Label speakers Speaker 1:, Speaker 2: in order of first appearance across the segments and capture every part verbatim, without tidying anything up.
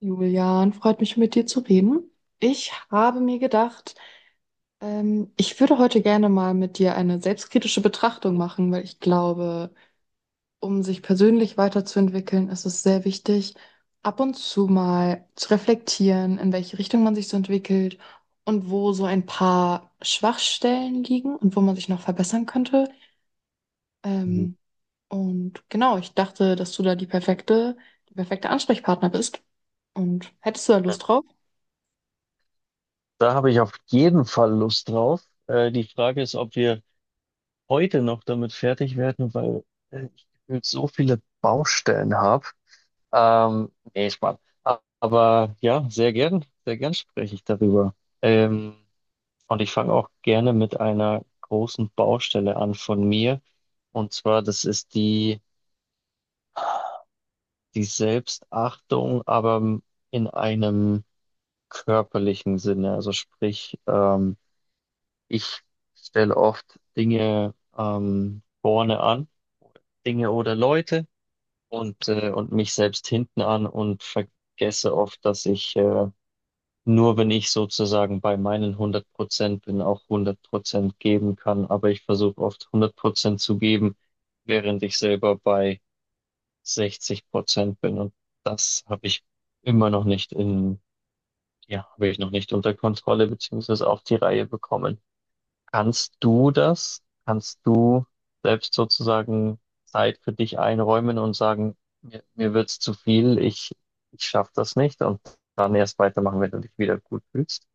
Speaker 1: Julian, freut mich, mit dir zu reden. Ich habe mir gedacht, ähm, ich würde heute gerne mal mit dir eine selbstkritische Betrachtung machen, weil ich glaube, um sich persönlich weiterzuentwickeln, ist es sehr wichtig, ab und zu mal zu reflektieren, in welche Richtung man sich so entwickelt und wo so ein paar Schwachstellen liegen und wo man sich noch verbessern könnte.
Speaker 2: Mhm.
Speaker 1: Ähm, und genau, ich dachte, dass du da die perfekte, die perfekte Ansprechpartner bist. Und hättest du da Lust drauf?
Speaker 2: Da habe ich auf jeden Fall Lust drauf. Äh, die Frage ist, ob wir heute noch damit fertig werden, weil äh, ich gefühlt so viele Baustellen habe. Ähm, nee, Spaß. A- Aber ja, sehr gern, sehr gern spreche ich darüber. Ähm, und ich fange auch gerne mit einer großen Baustelle an von mir. Und zwar, das ist die, die Selbstachtung, aber in einem körperlichen Sinne. Also sprich, ähm, ich stelle oft Dinge ähm, vorne an, Dinge oder Leute und, äh, und mich selbst hinten an und vergesse oft, dass ich äh, nur, wenn ich sozusagen bei meinen hundert Prozent bin, auch hundert Prozent geben kann. Aber ich versuche oft hundert Prozent zu geben, während ich selber bei sechzig Prozent bin. Und das habe ich immer noch nicht in, ja, habe ich noch nicht unter Kontrolle beziehungsweise auf die Reihe bekommen. Kannst du das? Kannst du selbst sozusagen Zeit für dich einräumen und sagen, mir, mir wird's zu viel, ich, ich schaffe das nicht und dann erst weitermachen, wenn du dich wieder gut fühlst?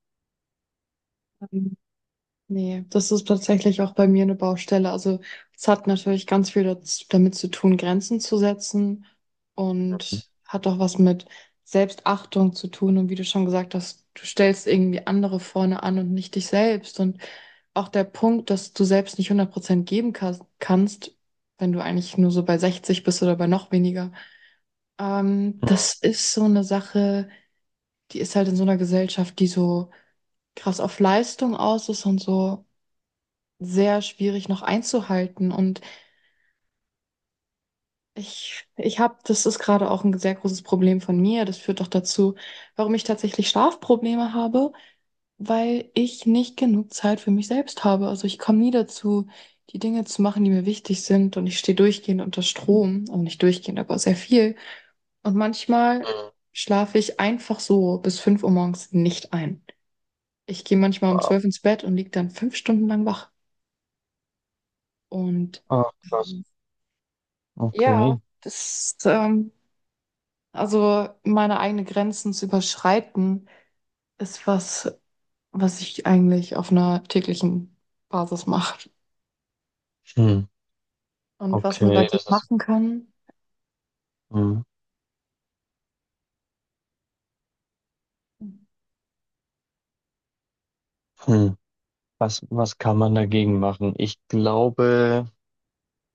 Speaker 1: Nee, das ist tatsächlich auch bei mir eine Baustelle. Also es hat natürlich ganz viel daz- damit zu tun, Grenzen zu setzen
Speaker 2: Mhm.
Speaker 1: und hat auch was mit Selbstachtung zu tun. Und wie du schon gesagt hast, du stellst irgendwie andere vorne an und nicht dich selbst. Und auch der Punkt, dass du selbst nicht hundert Prozent geben kas- kannst, wenn du eigentlich nur so bei sechzig bist oder bei noch weniger. Ähm,
Speaker 2: Mhm.
Speaker 1: das ist so eine Sache, die ist halt in so einer Gesellschaft, die so krass auf Leistung aus ist und so sehr schwierig noch einzuhalten. Und ich, ich habe, das ist gerade auch ein sehr großes Problem von mir. Das führt doch dazu, warum ich tatsächlich Schlafprobleme habe, weil ich nicht genug Zeit für mich selbst habe. Also ich komme nie dazu, die Dinge zu machen, die mir wichtig sind. Und ich stehe durchgehend unter Strom. Also nicht durchgehend, aber sehr viel. Und manchmal
Speaker 2: Mhm.
Speaker 1: schlafe ich einfach so bis fünf Uhr morgens nicht ein. Ich gehe manchmal um
Speaker 2: Wow.
Speaker 1: zwölf ins Bett und liege dann fünf Stunden lang wach. Und
Speaker 2: Ah, krass.
Speaker 1: Ja,
Speaker 2: Okay.
Speaker 1: das, ähm, also meine eigenen Grenzen zu überschreiten, ist was, was ich eigentlich auf einer täglichen Basis mache.
Speaker 2: Hm.
Speaker 1: Und was man
Speaker 2: Okay,
Speaker 1: dagegen
Speaker 2: das ist.
Speaker 1: machen kann,
Speaker 2: Hm. Hm. Was, was kann man dagegen machen? Ich glaube,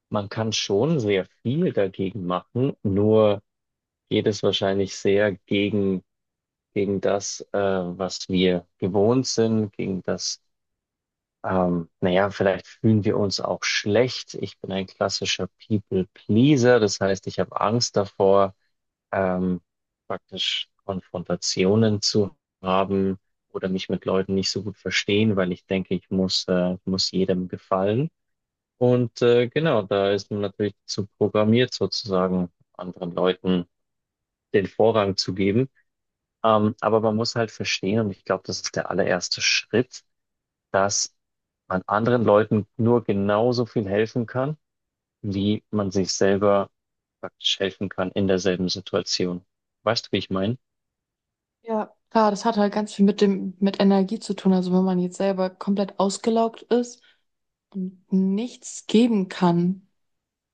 Speaker 2: man kann schon sehr viel dagegen machen, nur geht es wahrscheinlich sehr gegen gegen das, äh, was wir gewohnt sind, gegen das, ähm, naja, vielleicht fühlen wir uns auch schlecht. Ich bin ein klassischer People-Pleaser, das heißt, ich habe Angst davor, ähm, praktisch Konfrontationen zu haben oder mich mit Leuten nicht so gut verstehen, weil ich denke, ich muss, äh, muss jedem gefallen. Und äh, genau, da ist man natürlich zu programmiert, sozusagen anderen Leuten den Vorrang zu geben. Ähm, aber man muss halt verstehen, und ich glaube, das ist der allererste Schritt, dass man anderen Leuten nur genauso viel helfen kann, wie man sich selber praktisch helfen kann in derselben Situation. Weißt du, wie ich meine?
Speaker 1: ja, klar, das hat halt ganz viel mit dem, mit Energie zu tun. Also wenn man jetzt selber komplett ausgelaugt ist und nichts geben kann.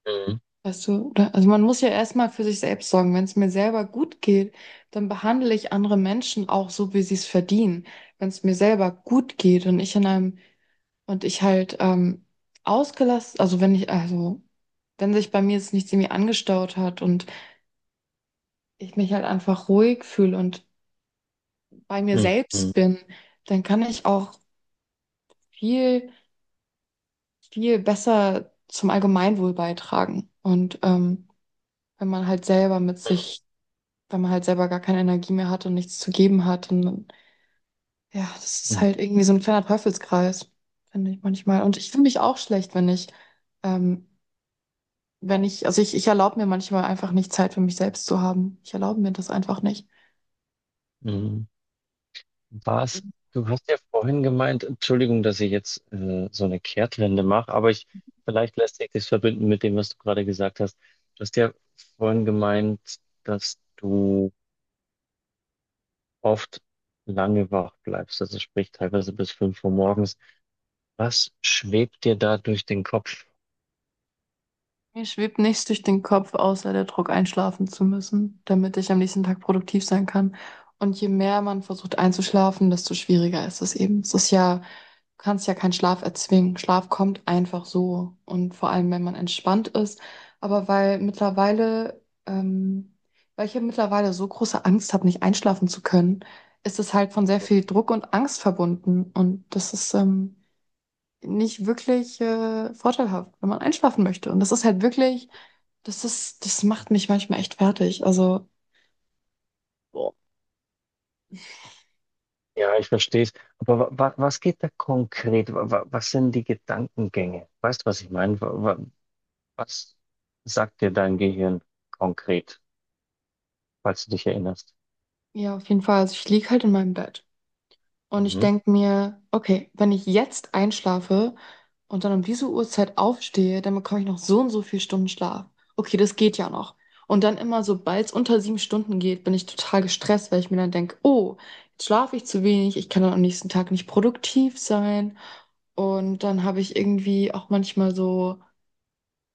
Speaker 2: Mhm.
Speaker 1: Weißt du, oder, also man muss ja erstmal für sich selbst sorgen. Wenn es mir selber gut geht, dann behandle ich andere Menschen auch so, wie sie es verdienen. Wenn es mir selber gut geht und ich in einem und ich halt ähm, ausgelassen, also wenn ich, also wenn sich bei mir jetzt nichts irgendwie angestaut hat und ich mich halt einfach ruhig fühle und bei mir selbst
Speaker 2: Mhm.
Speaker 1: bin, dann kann ich auch viel, viel besser zum Allgemeinwohl beitragen. Und ähm, wenn man halt selber mit
Speaker 2: Mhm.
Speaker 1: sich, weil man halt selber gar keine Energie mehr hat und nichts zu geben hat. Und dann, ja, das ist
Speaker 2: Mhm.
Speaker 1: halt irgendwie so ein kleiner Teufelskreis, finde ich manchmal. Und ich fühle mich auch schlecht, wenn ich, ähm, wenn ich, also ich, ich erlaube mir manchmal einfach nicht Zeit für mich selbst zu haben. Ich erlaube mir das einfach nicht.
Speaker 2: Mhm. Was? Du hast ja vorhin gemeint, Entschuldigung, dass ich jetzt äh, so eine Kehrtwende mache, aber ich, vielleicht lässt sich das verbinden mit dem, was du gerade gesagt hast. Du hast ja vorhin gemeint, dass du oft lange wach bleibst, also sprich teilweise bis fünf Uhr morgens. Was schwebt dir da durch den Kopf?
Speaker 1: Mir schwebt nichts durch den Kopf, außer der Druck, einschlafen zu müssen, damit ich am nächsten Tag produktiv sein kann. Und je mehr man versucht einzuschlafen, desto schwieriger ist es eben. Es ist ja, du kannst ja keinen Schlaf erzwingen. Schlaf kommt einfach so. Und vor allem, wenn man entspannt ist. Aber weil mittlerweile, ähm, weil ich ja mittlerweile so große Angst habe, nicht einschlafen zu können, ist es halt von sehr viel Druck und Angst verbunden. Und das ist, ähm, nicht wirklich äh, vorteilhaft, wenn man einschlafen möchte. Und das ist halt wirklich das ist, das macht mich manchmal echt fertig. Also, boah.
Speaker 2: Ja, ich verstehe es. Aber wa wa was geht da konkret? Wa wa Was sind die Gedankengänge? Weißt du, was ich meine? Wa wa was sagt dir dein Gehirn konkret, falls du dich erinnerst?
Speaker 1: Ja, auf jeden Fall. Also ich lieg halt in meinem Bett und ich
Speaker 2: Mhm.
Speaker 1: denk mir, okay, wenn ich jetzt einschlafe und dann um diese Uhrzeit aufstehe, dann bekomme ich noch so und so viel Stunden Schlaf. Okay, das geht ja noch. Und dann immer, sobald es unter sieben Stunden geht, bin ich total gestresst, weil ich mir dann denk, oh, jetzt schlafe ich zu wenig, ich kann dann am nächsten Tag nicht produktiv sein. Und dann habe ich irgendwie auch manchmal so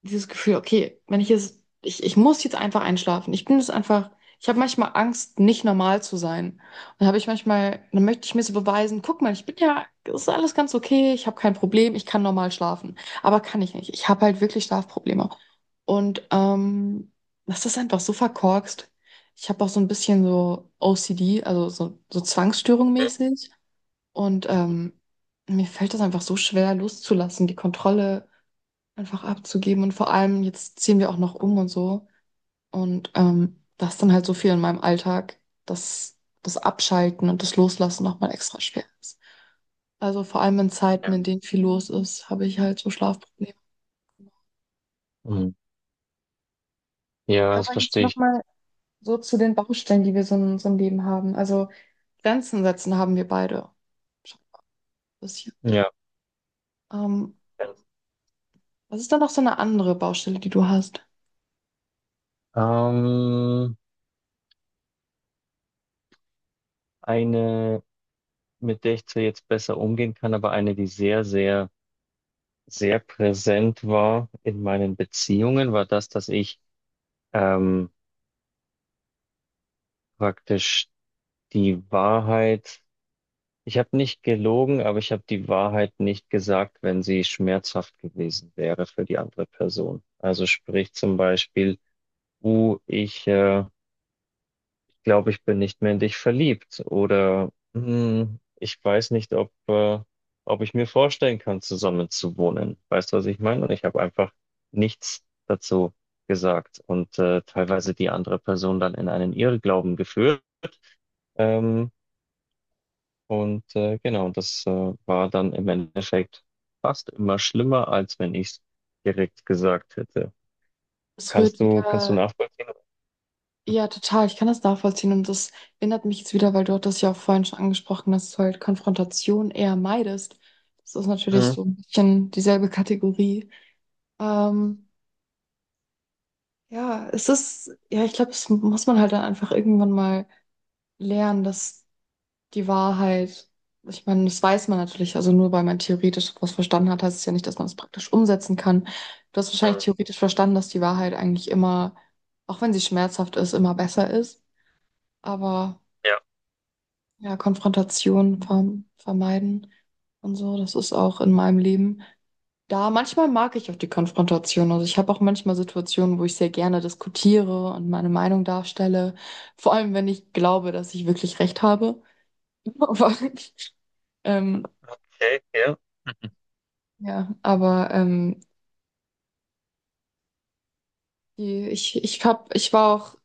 Speaker 1: dieses Gefühl, okay, wenn ich jetzt, ich, ich muss jetzt einfach einschlafen. Ich bin jetzt einfach, Ich habe manchmal Angst, nicht normal zu sein. Und habe ich manchmal, dann möchte ich mir so beweisen, guck mal, ich bin ja, es ist alles ganz okay, ich habe kein Problem, ich kann normal schlafen. Aber kann ich nicht. Ich habe halt wirklich Schlafprobleme. Und ähm, das ist einfach so verkorkst. Ich habe auch so ein bisschen so O C D, also so, so Zwangsstörung mäßig. Und
Speaker 2: Mhm. Mhm.
Speaker 1: ähm, mir fällt das einfach so schwer loszulassen, die Kontrolle einfach abzugeben. Und vor allem, jetzt ziehen wir auch noch um und so. Und ähm, das ist dann halt so viel in meinem Alltag, dass das Abschalten und das Loslassen nochmal extra schwer ist. Also vor allem in Zeiten,
Speaker 2: Ja,
Speaker 1: in denen viel los ist, habe ich halt so Schlafprobleme.
Speaker 2: mhm. Ja,
Speaker 1: Ja,
Speaker 2: das
Speaker 1: aber jetzt
Speaker 2: verstehe ich.
Speaker 1: nochmal so zu den Baustellen, die wir so in unserem Leben haben. Also Grenzen setzen haben wir beide. Schon ein bisschen.
Speaker 2: Ja.
Speaker 1: Ähm, was ist dann noch so eine andere Baustelle, die du hast?
Speaker 2: Ähm, eine, mit der ich zwar jetzt besser umgehen kann, aber eine, die sehr, sehr sehr präsent war in meinen Beziehungen, war das, dass ich ähm, praktisch die Wahrheit, ich habe nicht gelogen, aber ich habe die Wahrheit nicht gesagt, wenn sie schmerzhaft gewesen wäre für die andere Person. Also sprich zum Beispiel, uh, ich äh, glaube, ich bin nicht mehr in dich verliebt oder hm, ich weiß nicht, ob, äh, ob ich mir vorstellen kann, zusammen zu wohnen. Weißt du, was ich meine? Und ich habe einfach nichts dazu gesagt und äh, teilweise die andere Person dann in einen Irrglauben geführt. Ähm, und äh, genau, das äh, war dann im Endeffekt fast immer schlimmer, als wenn ich es direkt gesagt hätte.
Speaker 1: Es rührt
Speaker 2: Kannst du, kannst du
Speaker 1: wieder
Speaker 2: nachvollziehen?
Speaker 1: Ja, total. Ich kann das nachvollziehen und das erinnert mich jetzt wieder, weil du hattest ja auch vorhin schon angesprochen, dass du halt Konfrontation eher meidest. Das ist natürlich
Speaker 2: Mhm.
Speaker 1: so ein bisschen dieselbe Kategorie. Ähm, ja, es ist, ja, ich glaube, das muss man halt dann einfach irgendwann mal lernen, dass die Wahrheit, ich meine, das weiß man natürlich, also nur weil man theoretisch was verstanden hat, heißt es ja nicht, dass man es praktisch umsetzen kann. Du hast
Speaker 2: Mhm.
Speaker 1: wahrscheinlich theoretisch verstanden, dass die Wahrheit eigentlich immer, auch wenn sie schmerzhaft ist, immer besser ist. Aber
Speaker 2: Ja,
Speaker 1: ja, Konfrontation verm- vermeiden und so. Das ist auch in meinem Leben. Da manchmal mag ich auch die Konfrontation. Also ich habe auch manchmal Situationen, wo ich sehr gerne diskutiere und meine Meinung darstelle. Vor allem, wenn ich glaube, dass ich wirklich recht habe. Aber, ähm,
Speaker 2: okay, ja.
Speaker 1: ja, aber ähm, die, ich, ich hab, ich war auch,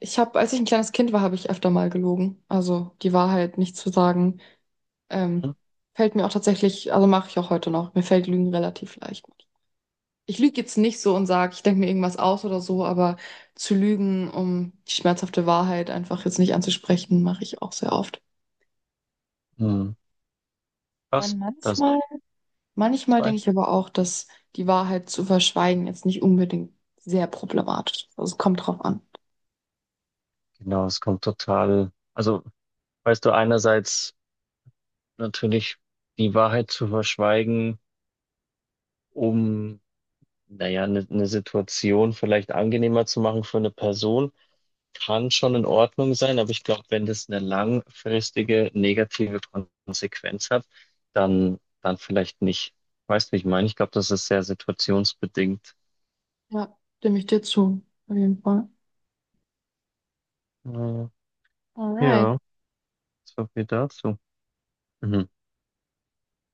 Speaker 1: ich habe, als ich ein kleines Kind war, habe ich öfter mal gelogen. Also die Wahrheit nicht zu sagen, ähm,
Speaker 2: Mhm.
Speaker 1: fällt mir auch tatsächlich, also mache ich auch heute noch. Mir fällt Lügen relativ leicht. Ich lüge jetzt nicht so und sage, ich denke mir irgendwas aus oder so, aber zu lügen, um die schmerzhafte Wahrheit einfach jetzt nicht anzusprechen, mache ich auch sehr oft. Ich
Speaker 2: Mhm. Was? Das waren
Speaker 1: manchmal, manchmal
Speaker 2: zwei.
Speaker 1: denke ich aber auch, dass die Wahrheit zu verschweigen jetzt nicht unbedingt sehr problematisch ist. Also es kommt drauf an.
Speaker 2: Genau, es kommt total. Also, weißt du, einerseits natürlich die Wahrheit zu verschweigen, um, naja, eine eine Situation vielleicht angenehmer zu machen für eine Person, kann schon in Ordnung sein, aber ich glaube, wenn das eine langfristige negative Konsequenz hat, dann, dann vielleicht nicht. Weißt du, wie ich meine? Ich glaube, das ist sehr situationsbedingt.
Speaker 1: Ja, stimme ich dir zu, auf jeden Fall.
Speaker 2: Naja,
Speaker 1: Alright,
Speaker 2: ja, so viel dazu. Mhm.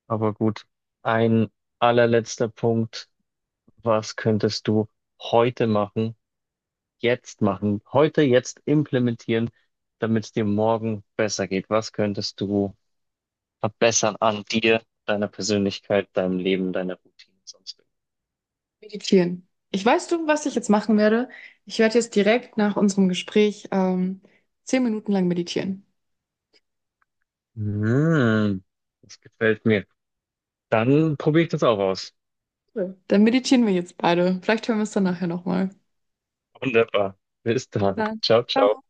Speaker 2: Aber gut, ein allerletzter Punkt. Was könntest du heute machen, jetzt machen, heute jetzt implementieren, damit es dir morgen besser geht? Was könntest du verbessern an dir, deiner Persönlichkeit, deinem Leben, deiner Routine, sonst
Speaker 1: meditieren. Ich weiß du, was ich jetzt machen werde. Ich werde jetzt direkt nach unserem Gespräch ähm, zehn Minuten lang meditieren.
Speaker 2: irgendwas? Hm, das gefällt mir. Dann probiere ich das auch aus.
Speaker 1: Cool. Dann meditieren wir jetzt beide. Vielleicht hören wir es dann nachher nochmal.
Speaker 2: Wunderbar. Bis dann.
Speaker 1: Super.
Speaker 2: Ciao, ciao.
Speaker 1: Ciao.